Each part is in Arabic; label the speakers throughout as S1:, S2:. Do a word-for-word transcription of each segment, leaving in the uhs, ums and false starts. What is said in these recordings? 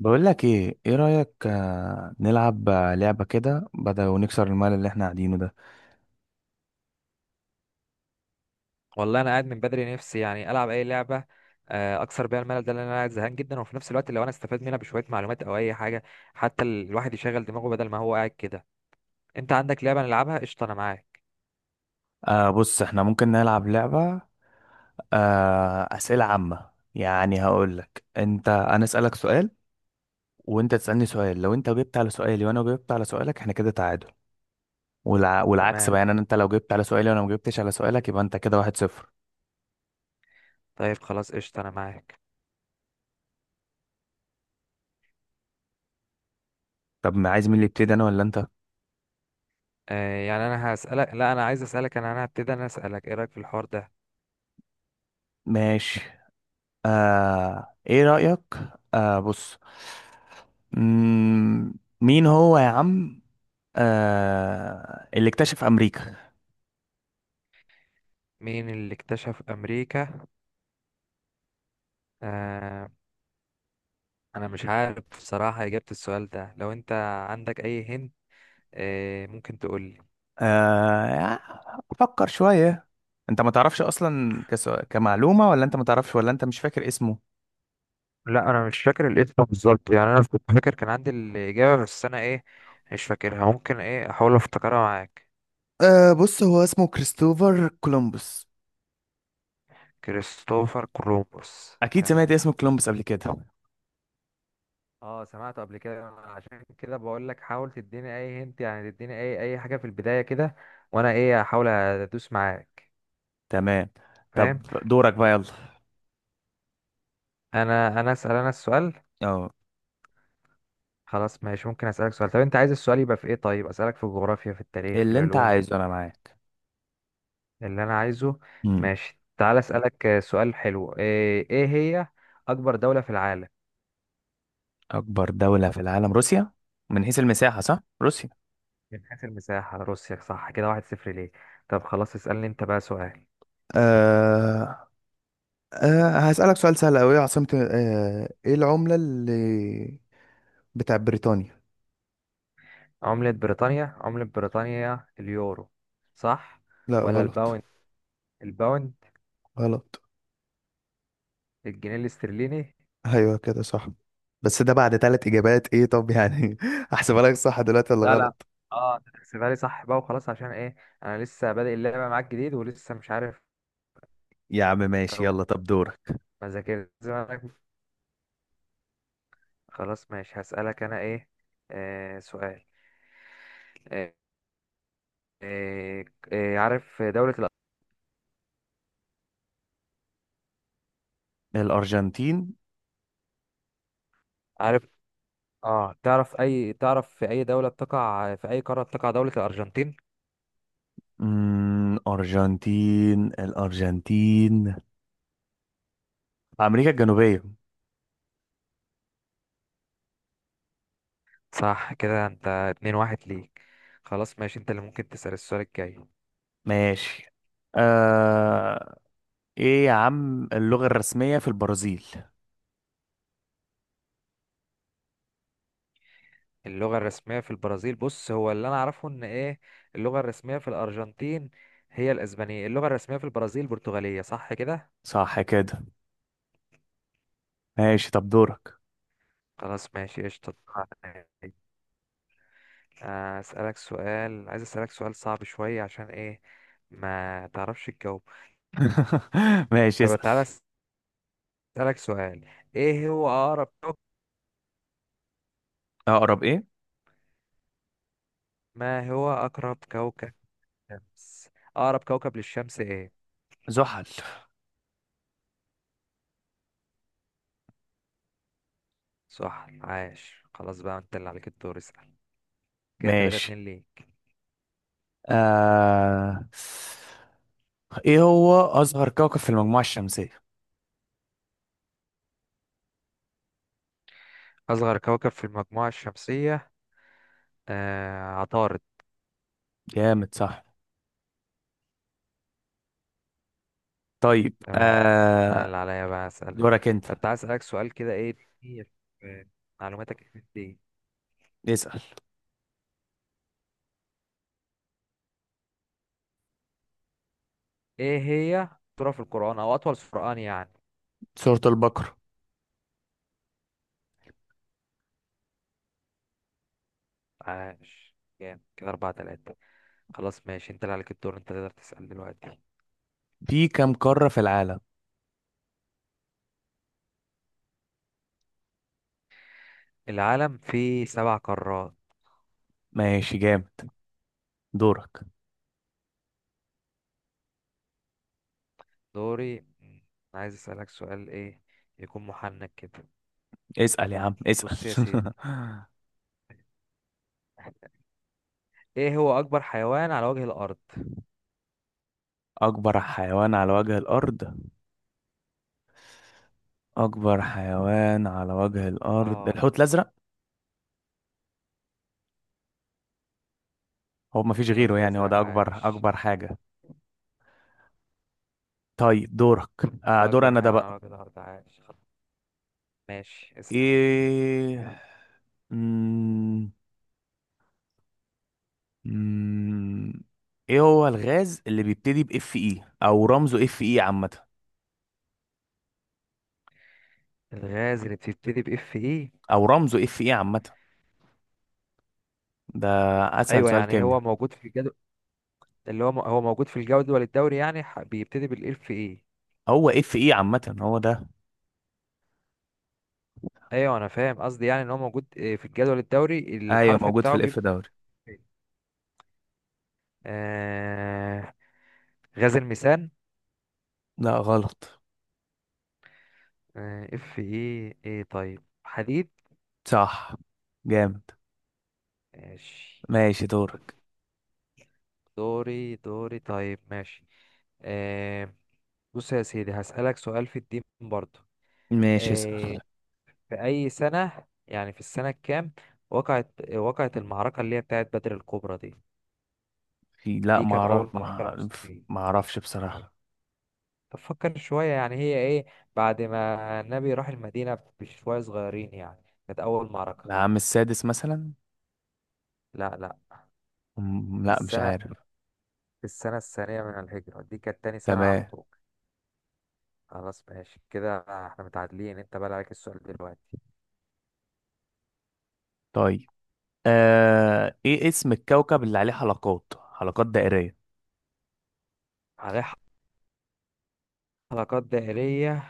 S1: بقول لك ايه ايه رأيك؟ آه، نلعب آه، لعبة كده بدل ونكسر الملل اللي احنا قاعدينه ده.
S2: والله انا قاعد من بدري نفسي يعني العب اي لعبه. آه، اكسر بيها الملل ده لان انا قاعد زهقان جدا، وفي نفس الوقت لو انا استفاد منها بشويه معلومات او اي حاجه، حتى ال- الواحد يشغل دماغه بدل ما هو قاعد كده. انت عندك لعبه نلعبها؟ قشطه انا معاك.
S1: آه بص، احنا ممكن نلعب لعبة، آه أسئلة عامة. يعني هقول لك، انت انا أسألك سؤال وانت تسألني سؤال. لو انت جبت على سؤالي وانا جبت على سؤالك احنا كده تعادل. والع... والعكس
S2: تمام،
S1: بقى، يعني أنا- انت لو جبت على سؤالي وانا ما جبتش على سؤالك يبقى انت كده واحد صفر.
S2: طيب خلاص قشطه انا معاك.
S1: طب، ما عايز، مين اللي يبتدي، انا ولا انت؟
S2: آه، يعني انا هسالك لا انا عايز اسالك. انا انا هبتدي. انا اسالك ايه رايك في الحوار ده؟
S1: ماشي. آه ايه رأيك؟ آه بص، مم، مين هو يا عم آه اللي اكتشف امريكا؟
S2: مين اللي اكتشف امريكا؟ آه، انا مش عارف بصراحه اجابه السؤال ده. لو انت عندك اي هند ممكن تقول.
S1: آه افكر شوية. انت ما تعرفش اصلا كس... كمعلومة، ولا انت ما تعرفش، ولا انت مش فاكر اسمه؟
S2: لا انا مش فاكر الاسم بالظبط، يعني انا كنت فاكر كان عندي الاجابه بس انا ايه مش فاكرها. ممكن ايه احاول افتكرها معاك.
S1: أه بص، هو اسمه كريستوفر كولومبوس.
S2: كريستوفر كولومبوس،
S1: اكيد سمعت
S2: تمام.
S1: اسم كولومبس قبل كده.
S2: اه سمعته قبل كده أنا، عشان كده بقول لك حاول تديني اي هنت، يعني تديني اي اي حاجه في البدايه كده، وانا ايه احاول ادوس معاك.
S1: تمام،
S2: فاهم.
S1: طب دورك بقى، يلا.
S2: انا انا اسال انا السؤال.
S1: اه،
S2: خلاص ماشي، ممكن اسالك سؤال. طب انت عايز السؤال يبقى في ايه؟ طيب اسالك في الجغرافيا، في التاريخ، في
S1: اللي انت
S2: العلوم؟
S1: عايزه انا معاك.
S2: اللي انا عايزه،
S1: مم.
S2: ماشي. تعال اسالك آه، سؤال حلو. ايه إيه هي اكبر دولة في العالم؟
S1: اكبر دولة في العالم روسيا، من حيث المساحة، صح، روسيا.
S2: من حيث المساحة روسيا، صح. كده واحد صفر ليه. طب خلاص اسالني انت بقى سؤال.
S1: أه أه هسألك سؤال سهل أوي. عاصمة أه إيه العملة اللي بتاع بريطانيا؟
S2: عملة بريطانيا، عملة بريطانيا اليورو، صح؟
S1: لا،
S2: ولا
S1: غلط.
S2: الباوند؟ الباوند؟
S1: غلط.
S2: الجنيه الاسترليني.
S1: ايوه كده صح. بس ده بعد ثلاث اجابات، ايه؟ طب يعني احسبها لك صح دلوقتي ولا
S2: لا لا،
S1: غلط؟
S2: اه انت تحسبها لي صح بقى وخلاص، عشان ايه؟ انا لسه بادئ اللعبة معاك جديد ولسه مش عارف
S1: يا عم ماشي،
S2: اوي.
S1: يلا طب دورك.
S2: ما ذاكرت زي ما أنا- خلاص ماشي، هسألك انا ايه آه سؤال. آه، إيه إيه؟ عارف دولة الأ-
S1: الأرجنتين.
S2: عارف؟ اه تعرف اي تعرف في اي دولة بتقع، في اي قارة بتقع دولة الأرجنتين؟
S1: امم أرجنتين الأرجنتين، أمريكا الجنوبية.
S2: صح كده، انت اتنين واحد ليك. خلاص ماشي، انت اللي ممكن تسأل السؤال الجاي.
S1: ماشي. آه... إيه يا عم اللغة الرسمية في البرازيل؟
S2: اللغة الرسمية في البرازيل، بص هو اللي انا اعرفه ان ايه، اللغة الرسمية في الأرجنتين هي الأسبانية، اللغة الرسمية في البرازيل برتغالية، صح كده.
S1: صح كده. ماشي، طب دورك.
S2: خلاص ماشي قشطة. آه، أسألك سؤال، عايز أسألك سؤال صعب شوية، عشان ايه ما تعرفش تجاوب.
S1: ماشي
S2: طب
S1: اسأل.
S2: تعالى أسألك سؤال. إيه هو أقرب كوكب؟
S1: أقرب إيه؟
S2: ما هو أقرب كوكب للشمس. أقرب كوكب للشمس إيه؟
S1: زحل.
S2: صح، عاش. خلاص بقى أنت اللي عليك الدور، اسأل. كده تلاتة
S1: ماشي.
S2: اتنين ليك.
S1: آه... ايه هو اصغر كوكب في المجموعة الشمسية؟
S2: أصغر كوكب في المجموعة الشمسية آه عطارد.
S1: جامد، صح. طيب.
S2: تمام، أنا
S1: آه
S2: اللي عليا بقى أسألك.
S1: دورك انت.
S2: طب تعالى أسألك سؤال كده إيه كتير في معلوماتك دي.
S1: اسأل.
S2: إيه هي سورة في القرآن أو أطول سورة يعني؟
S1: سورة البقرة.
S2: عاش جامد، كده أربعة تلاتة. خلاص ماشي، أنت اللي عليك الدور، أنت تقدر تسأل دلوقتي.
S1: في كم قارة في العالم؟
S2: العالم فيه سبع قارات.
S1: ماشي، جامد. دورك.
S2: دوري. مم، أنا عايز أسألك سؤال ايه يكون محنك كده.
S1: اسأل يا عم اسأل.
S2: بص يا سيدي، ايه هو اكبر حيوان على وجه الارض؟
S1: اكبر حيوان على وجه الارض. اكبر حيوان على وجه الارض
S2: اه
S1: الحوت الازرق. هو ما فيش
S2: الحوت
S1: غيره، يعني هو
S2: الازرق،
S1: ده اكبر
S2: عاش.
S1: اكبر حاجة. طيب دورك. آه
S2: ده
S1: دور
S2: اكبر
S1: انا ده
S2: حيوان على
S1: بقى.
S2: وجه الارض، عاش خلاص، ماشي اسأل.
S1: ايه، مم. ايه هو الغاز اللي بيبتدي باف اي او رمزه اف اي عامه؟
S2: الغاز اللي بتبتدي باف اي؟
S1: او رمزه اف اي عامه، ده اسهل
S2: ايوه
S1: سؤال
S2: يعني هو
S1: كيمياء.
S2: موجود في الجدول، اللي هو م- هو موجود في الجدول الدوري، يعني ح- بيبتدي بالاف اي.
S1: هو اف اي عامه، هو ده.
S2: ايوه انا فاهم، قصدي يعني ان هو موجود آه، في الجدول الدوري،
S1: ايوه،
S2: الحرف
S1: موجود في
S2: بتاعه
S1: الاف
S2: بيبدأ بإف.
S1: دوري.
S2: إيه؟ آه غاز الميثان.
S1: لا، غلط.
S2: آه اف ايه ايه، طيب حديد.
S1: صح، جامد.
S2: ماشي.
S1: ماشي
S2: كنت
S1: دورك.
S2: دوري، دوري طيب ماشي. آه بص يا سيدي، هسألك سؤال في الدين برضو.
S1: ماشي
S2: آه
S1: اسأل.
S2: في أي سنة، يعني في السنة الكام وقعت وقعت المعركة اللي هي بتاعت بدر الكبرى دي؟
S1: في، لا
S2: دي
S1: ما
S2: كانت
S1: اعرف،
S2: أول
S1: ما
S2: معركة
S1: أعرف-
S2: للمسلمين.
S1: ما اعرفش بصراحه.
S2: تفكر شوية، يعني هي إيه بعد ما النبي راح المدينة بشوية صغيرين، يعني كانت أول معركة.
S1: العام السادس مثلا.
S2: لا لا،
S1: مم، لا مش
S2: السنة،
S1: عارف.
S2: في السنة الثانية من الهجرة، دي كانت تاني سنة على
S1: تمام.
S2: طول. خلاص ماشي كده، احنا متعادلين، انت بقى عليك السؤال دلوقتي.
S1: طيب، آه... ايه اسم الكوكب اللي عليه حلقات حلقات دائريه؟
S2: عليه حلقات دائرية،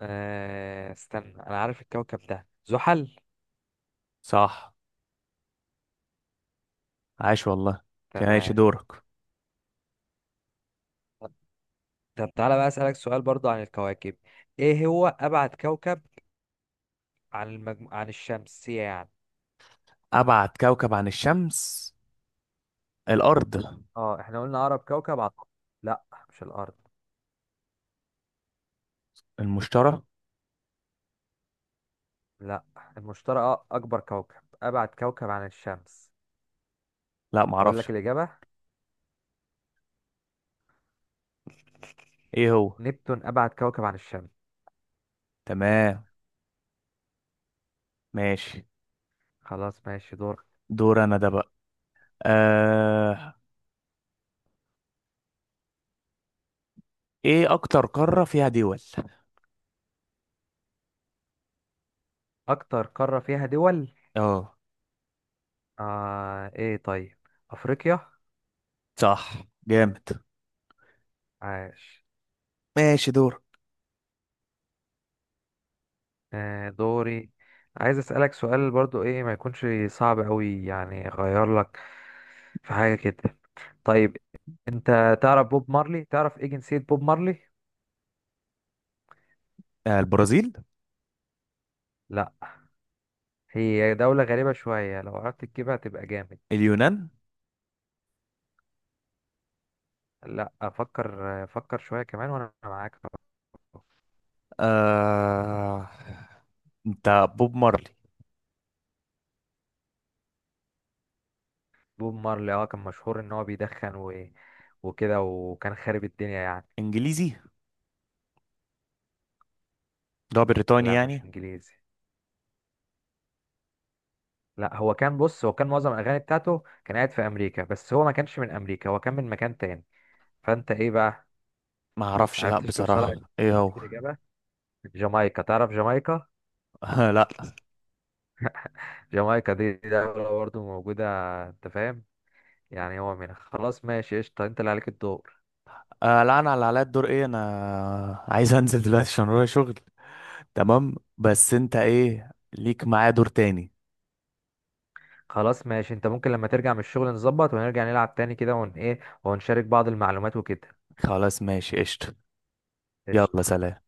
S2: آه استنى انا عارف الكوكب ده، زحل.
S1: صح، عاش والله. كان عايش،
S2: تمام.
S1: دورك.
S2: طب تعالى بقى اسألك سؤال برضو عن الكواكب. ايه هو ابعد كوكب عن المجم... عن الشمس يعني؟
S1: ابعد كوكب عن الشمس الارض.
S2: اه احنا قلنا اقرب كوكب عن، لا مش الارض،
S1: المشتري.
S2: لا المشتري أ- اكبر كوكب، ابعد كوكب عن الشمس.
S1: لا
S2: اقول
S1: معرفش.
S2: لك الاجابة،
S1: ايه هو؟
S2: نبتون، ابعد كوكب عن الشمس.
S1: تمام، ماشي.
S2: خلاص ماشي، دور.
S1: دور انا ده بقى. آه... ايه اكتر قارة فيها دول؟
S2: اكتر قارة فيها دول؟
S1: اه،
S2: آه ايه طيب افريقيا.
S1: صح، جامد.
S2: عاش.
S1: ماشي دور.
S2: آه دوري، عايز اسألك سؤال برضو ايه ما يكونش صعب قوي، يعني اغير لك في حاجة كده. طيب انت تعرف بوب مارلي؟ تعرف ايه جنسية بوب مارلي؟
S1: آه البرازيل.
S2: لا، هي دولة غريبة شوية، لو عرفت تجيبها تبقى جامد.
S1: اليونان.
S2: لا، افكر افكر شوية كمان وانا معاك.
S1: آه... انت، بوب مارلي.
S2: بوب مارلي اه كان مشهور ان هو بيدخن و... وكده، وكان خارب الدنيا يعني.
S1: انجليزي، ده بريطاني
S2: لا مش
S1: يعني.
S2: انجليزي. لا هو كان، بص هو كان معظم الاغاني بتاعته كان قاعد في امريكا، بس هو ما كانش من امريكا، هو كان من مكان تاني. فانت ايه بقى؟
S1: ما اعرفش لا
S2: عرفتش توصلها
S1: بصراحة، ايه هو؟
S2: الاجابه؟ جامايكا، تعرف جامايكا؟
S1: لا.
S2: جامايكا دي دي دولة برضه موجودة، انت فاهم، يعني هو من، خلاص ماشي قشطة، انت اللي عليك الدور.
S1: آه لا، انا اللي عليا الدور. ايه، انا عايز انزل دلوقتي عشان ورايا شغل. تمام، بس انت ايه ليك معايا دور تاني.
S2: خلاص ماشي، انت ممكن لما ترجع من الشغل نظبط ونرجع نلعب تاني كده، ون ايه ونشارك بعض المعلومات وكده.
S1: خلاص ماشي قشطة. يلا
S2: قشطة.
S1: سلام.